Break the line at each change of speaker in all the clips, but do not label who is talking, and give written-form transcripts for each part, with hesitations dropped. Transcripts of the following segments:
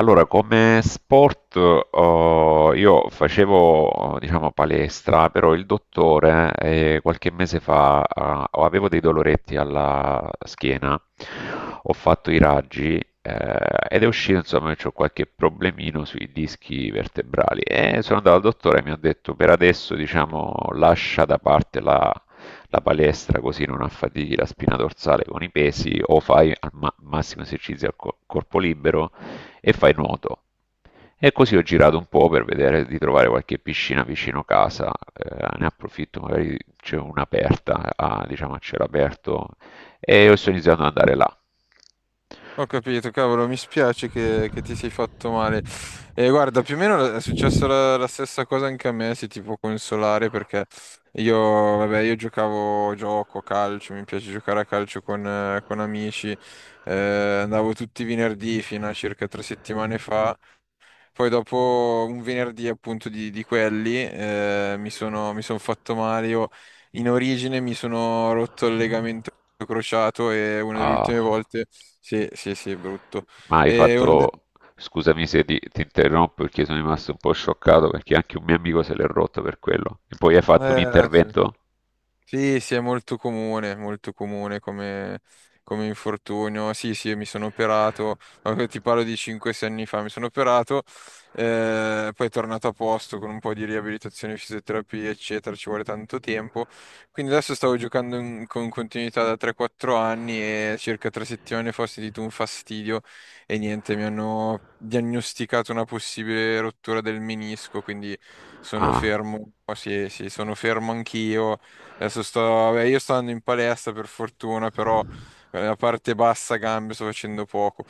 Allora, come sport, io facevo, diciamo, palestra, però il dottore, qualche mese fa, avevo dei doloretti alla schiena, ho fatto i raggi, ed è uscito, insomma, che ho qualche problemino sui dischi vertebrali. E sono andato al dottore e mi ha detto, per adesso, diciamo, lascia da parte la palestra così non affatichi la spina dorsale con i pesi o fai massimo esercizio corpo libero e fai nuoto. E così ho girato un po' per vedere di trovare qualche piscina vicino casa, ne approfitto, magari c'è un'aperta, a, diciamo a cielo aperto, e ho iniziato ad andare là.
Ho capito, cavolo, mi spiace che ti sei fatto male. E guarda, più o meno è successa la stessa cosa anche a me, se ti può consolare, perché io, vabbè, io gioco a calcio, mi piace giocare a calcio con amici, eh, andavo tutti i venerdì fino a circa 3 settimane fa, poi dopo un venerdì appunto di quelli mi son fatto male. Io in origine mi sono rotto il legamento crociato e una delle
Ah,
ultime volte... Sì, sì, sì, brutto.
ma hai
E una de-
fatto... Scusami se ti interrompo perché sono rimasto un po' scioccato perché anche un mio amico se l'è rotto per quello. E poi hai fatto un
eh, sì.
intervento?
Sì, sì, è molto comune come infortunio. Sì, sì, mi sono operato, ti parlo di 5-6 anni fa, mi sono operato, poi è tornato a posto con un po' di riabilitazione, fisioterapia, eccetera, ci vuole tanto tempo. Quindi adesso stavo giocando con continuità da 3-4 anni e circa 3 settimane fa ho sentito un fastidio e niente, mi hanno diagnosticato una possibile rottura del menisco, quindi sono
Ah,
fermo, sì, sì, sono fermo anch'io. Adesso sto, vabbè, io sto andando in palestra per fortuna, però la parte bassa gambe sto facendo poco.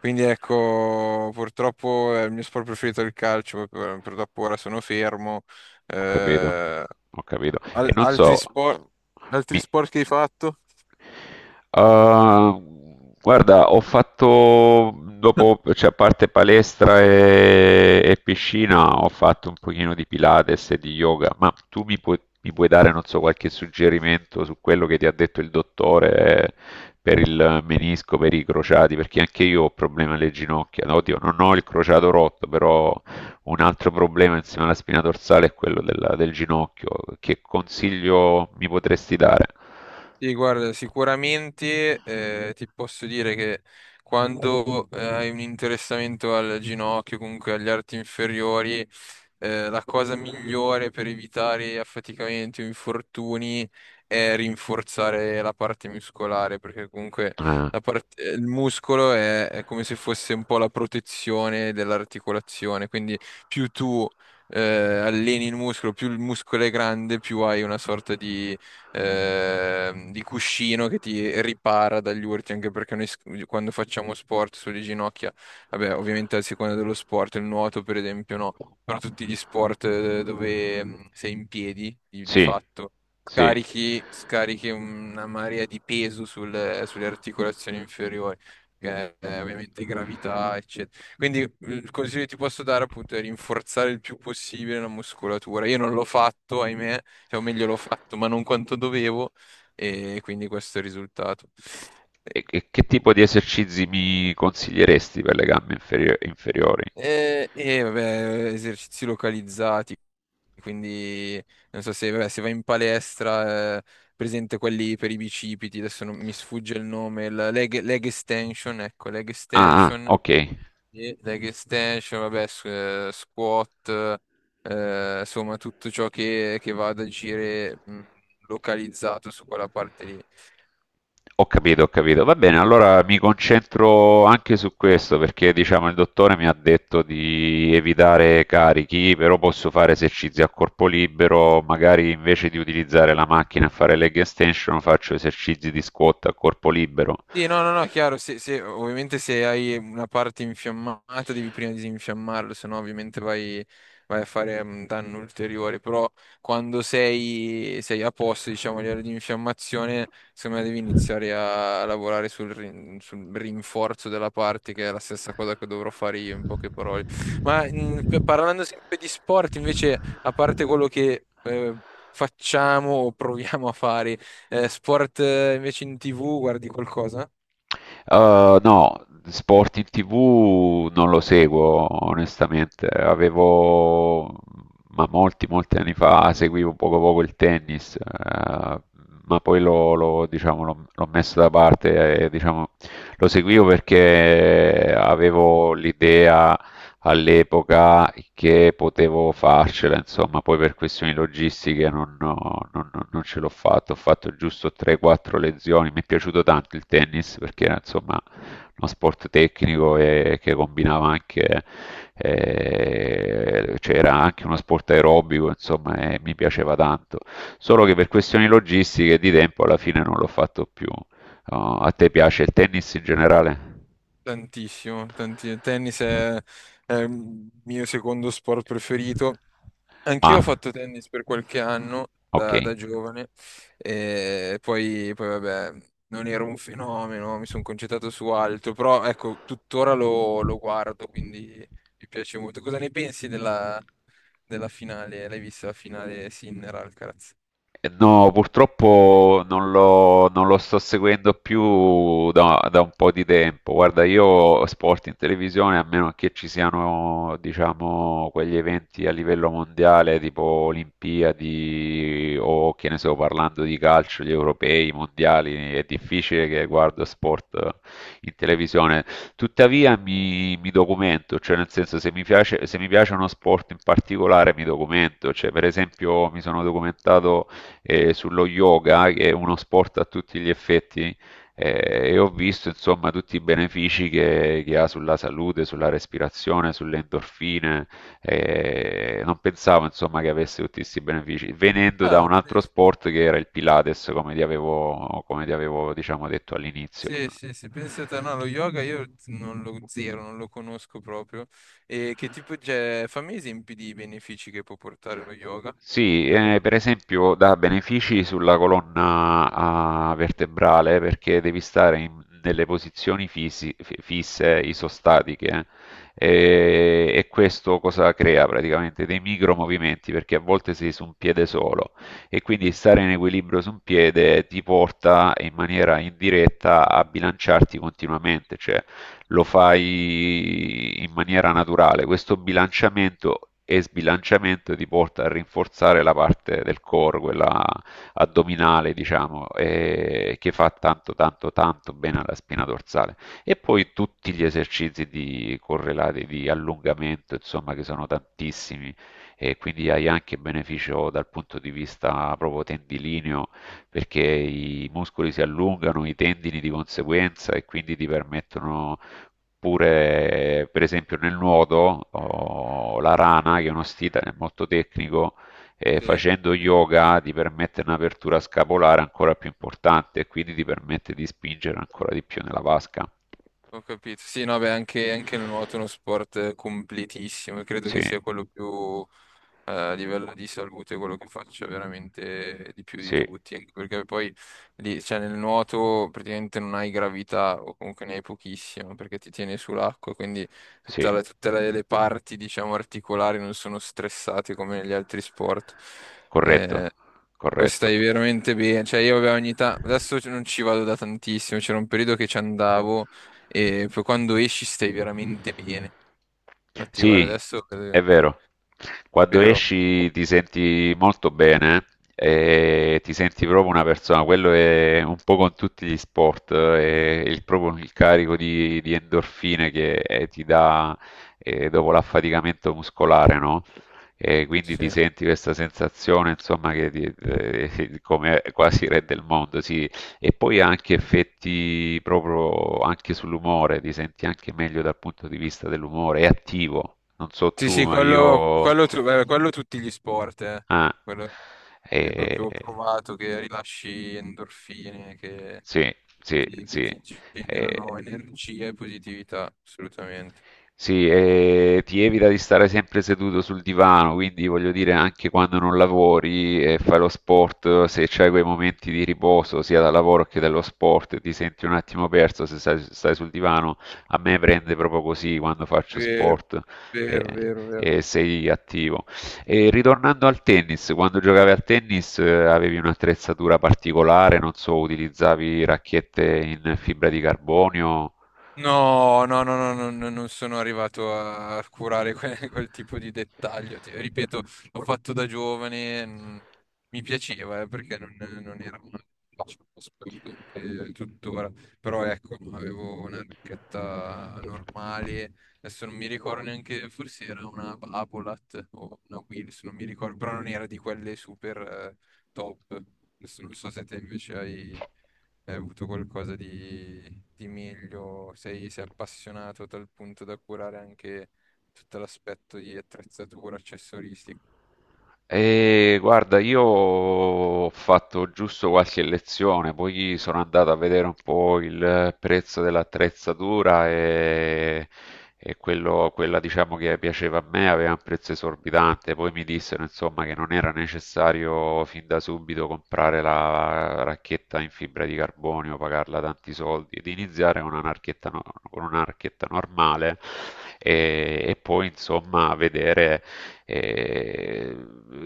Quindi ecco, purtroppo il mio sport preferito è il calcio, purtroppo ora sono fermo.
ho capito,
Eh,
ho capito. E non
Altri
so,
sport, altri
mi,
sport che hai fatto?
ah, guarda, ho fatto dopo, cioè a parte palestra e piscina, ho fatto un pochino di Pilates e di yoga, ma tu mi puoi dare, non so, qualche suggerimento su quello che ti ha detto il dottore per il menisco, per i crociati, perché anche io ho problemi alle ginocchia. No, oddio, non ho il crociato rotto, però un altro problema insieme alla spina dorsale è quello del ginocchio. Che consiglio mi potresti dare?
Sì, guarda, sicuramente ti posso dire che quando hai un interessamento al ginocchio, comunque agli arti inferiori, la cosa migliore per evitare affaticamenti o infortuni è rinforzare la parte muscolare, perché comunque
Eh,
il muscolo è come se fosse un po' la protezione dell'articolazione, quindi più tu alleni il muscolo, più il muscolo è grande, più hai una sorta di cuscino che ti ripara dagli urti, anche perché noi quando facciamo sport sulle ginocchia, vabbè, ovviamente a seconda dello sport, il nuoto per esempio no, però tutti gli sport dove sei in piedi, di
sì.
fatto,
Sì.
carichi, scarichi una marea di peso sulle articolazioni inferiori. Che è ovviamente gravità, eccetera. Quindi il consiglio che ti posso dare appunto è rinforzare il più possibile la muscolatura. Io non l'ho fatto, ahimè, cioè, o meglio, l'ho fatto, ma non quanto dovevo, e quindi questo è il risultato.
E che tipo di esercizi mi consiglieresti per le gambe inferiori?
E, vabbè, esercizi localizzati, quindi non so se, vabbè, se vai in palestra, presente quelli per i bicipiti, adesso mi sfugge il nome, il leg extension, ecco, leg
Ah, ah,
extension,
ok.
e leg extension, vabbè, squat, insomma, tutto ciò che va ad agire localizzato su quella parte lì.
Ho capito, ho capito. Va bene, allora mi concentro anche su questo perché diciamo il dottore mi ha detto di evitare carichi, però posso fare esercizi a corpo libero, magari invece di utilizzare la macchina a fare leg extension faccio esercizi di squat a corpo libero.
Sì, no, no, no, chiaro, ovviamente se hai una parte infiammata devi prima disinfiammarlo, se no ovviamente vai, a fare un danno ulteriore, però quando sei a posto, diciamo, a livello di infiammazione, secondo me devi iniziare a lavorare sul rinforzo della parte, che è la stessa cosa che dovrò fare io, in poche parole. Ma parlando sempre di sport, invece, a parte quello che... facciamo o proviamo a fare sport invece in TV, guardi qualcosa?
No, sport in TV non lo seguo onestamente. Avevo, ma molti, molti anni fa seguivo poco poco il tennis, ma poi diciamo, l'ho messo da parte. Diciamo, lo seguivo perché avevo l'idea all'epoca che potevo farcela, insomma, poi per questioni logistiche non, no, non ce l'ho fatto, ho fatto giusto 3-4 lezioni, mi è piaciuto tanto il tennis perché era insomma uno sport tecnico e che combinava anche, cioè era anche uno sport aerobico, insomma, e mi piaceva tanto, solo che per questioni logistiche e di tempo alla fine non l'ho fatto più. Oh, a te piace il tennis in generale?
Tantissimo, il tennis è il mio secondo sport preferito. Anch'io ho
Ah,
fatto tennis per qualche anno da
okay.
giovane e poi vabbè, non ero un fenomeno, mi sono concentrato su altro, però ecco, tuttora lo guardo, quindi mi piace molto. Cosa ne pensi della finale? L'hai vista la finale Sinner-Alcaraz?
No, purtroppo non lo sto seguendo più da un po' di tempo. Guarda, io sport in televisione, a meno che ci siano, diciamo, quegli eventi a livello mondiale, tipo Olimpiadi o che ne so, parlando di calcio, gli europei, i mondiali, è difficile che guardo sport in televisione. Tuttavia mi documento, cioè nel senso se mi piace uno sport in particolare mi documento, cioè per esempio mi sono documentato sullo yoga, che è uno sport a tutti gli effetti, e ho visto insomma tutti i benefici che ha sulla salute, sulla respirazione, sulle endorfine. Non pensavo insomma che avesse tutti questi benefici, venendo da
Ah,
un altro sport che era il Pilates, come ti avevo, diciamo, detto all'inizio.
sì, sì, sì, pensate, no, lo yoga io non lo zero, non lo conosco proprio. E che tipo, cioè, fammi esempi di benefici che può portare lo yoga?
Sì,
Perché?
per esempio dà benefici sulla colonna ah, vertebrale perché devi stare in delle posizioni fisse, isostatiche, E, e questo cosa crea praticamente? Dei micromovimenti perché a volte sei su un piede solo e quindi stare in equilibrio su un piede ti porta in maniera indiretta a bilanciarti continuamente, cioè lo fai in maniera naturale. Questo bilanciamento e sbilanciamento ti porta a rinforzare la parte del core, quella addominale, diciamo, e che fa tanto, tanto, tanto bene alla spina dorsale. E poi tutti gli esercizi di correlati di allungamento, insomma, che sono tantissimi e quindi hai anche beneficio dal punto di vista proprio tendilineo perché i muscoli si allungano, i tendini di conseguenza e quindi ti permettono. Oppure, per esempio, nel nuoto, oh, la rana, che è uno stile molto tecnico,
Sì,
facendo
sì, sì.
yoga ti permette un'apertura scapolare ancora più importante e quindi ti permette di spingere ancora di più nella vasca.
Ho capito. Sì, no, beh, anche, anche il nuoto è uno sport completissimo, e credo
Sì,
che sia quello più... a livello di salute, quello che faccio è veramente di più di
sì,
tutti, anche perché poi lì, cioè, nel nuoto praticamente non hai gravità o comunque ne hai pochissimo perché ti tieni sull'acqua, quindi
sì,
tutte le parti diciamo articolari non sono stressate come negli altri sport.
corretto,
Eh, poi
corretto.
stai veramente bene, cioè io avevo ogni tanto, adesso non ci vado da tantissimo, c'era un periodo che ci andavo e poi quando esci stai veramente bene. Infatti guarda
Sì,
adesso,
è vero. Quando
vero,
esci ti senti molto bene e ti senti proprio una persona. Quello è un po' con tutti gli sport, è il, proprio il carico di endorfine che ti dà dopo l'affaticamento muscolare, no? E quindi ti
sì.
senti questa sensazione, insomma, che come quasi re del mondo. Sì, e poi ha anche effetti proprio anche sull'umore, ti senti anche meglio dal punto di vista dell'umore, è attivo, non so
Sì,
tu,
sì,
ma
quello,
io...
quello, quello tutti gli sport, eh.
Ah,
Quello è
eh,
proprio provato che rilasci endorfine, che
sì, sì,
ti, che
sì.
ti
eh,
generano energia e positività, assolutamente.
Sì, e ti evita di stare sempre seduto sul divano, quindi voglio dire anche quando non lavori e fai lo sport, se c'hai quei momenti di riposo sia dal lavoro che dallo sport, ti senti un attimo perso se stai sul divano, a me prende proprio così quando faccio
Vero,
sport e,
vero, vero, vero.
e sei attivo. E ritornando al tennis, quando giocavi al tennis avevi un'attrezzatura particolare, non so, utilizzavi racchette in fibra di carbonio?
No, no, no, no, no, no, non sono arrivato a curare quel tipo di dettaglio. Ripeto, l'ho fatto da giovane, mi piaceva, perché non era uno sport anche tuttora, però ecco, no, avevo una racchetta normale, adesso non mi ricordo neanche, forse era una Babolat o una Wills, non mi ricordo, però non era di quelle super top. Adesso non so se te invece hai avuto qualcosa di meglio, sei appassionato a tal punto da curare anche tutto l'aspetto di attrezzatura, accessoristica.
E guarda, io ho fatto giusto qualche lezione, poi sono andato a vedere un po' il prezzo dell'attrezzatura e, quella diciamo che piaceva a me aveva un prezzo esorbitante, poi mi dissero insomma che non era necessario fin da subito comprare la racchetta in fibra di carbonio, pagarla tanti soldi ed iniziare con una racchetta, con una racchetta normale e poi insomma vedere eh,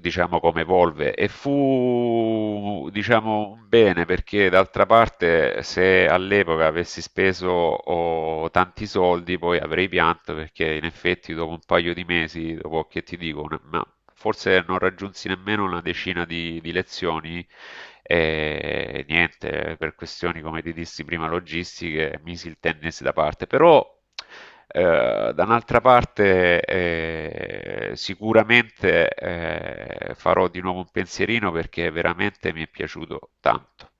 diciamo come evolve e fu diciamo un bene perché d'altra parte se all'epoca avessi speso oh, tanti soldi poi avrei pianto perché in effetti dopo un paio di mesi, dopo che ti dico, ma forse non raggiunsi nemmeno una decina di lezioni e niente, per questioni come ti dissi prima logistiche, misi il tennis da parte, però da un'altra parte sicuramente farò di nuovo un pensierino perché veramente mi è piaciuto tanto.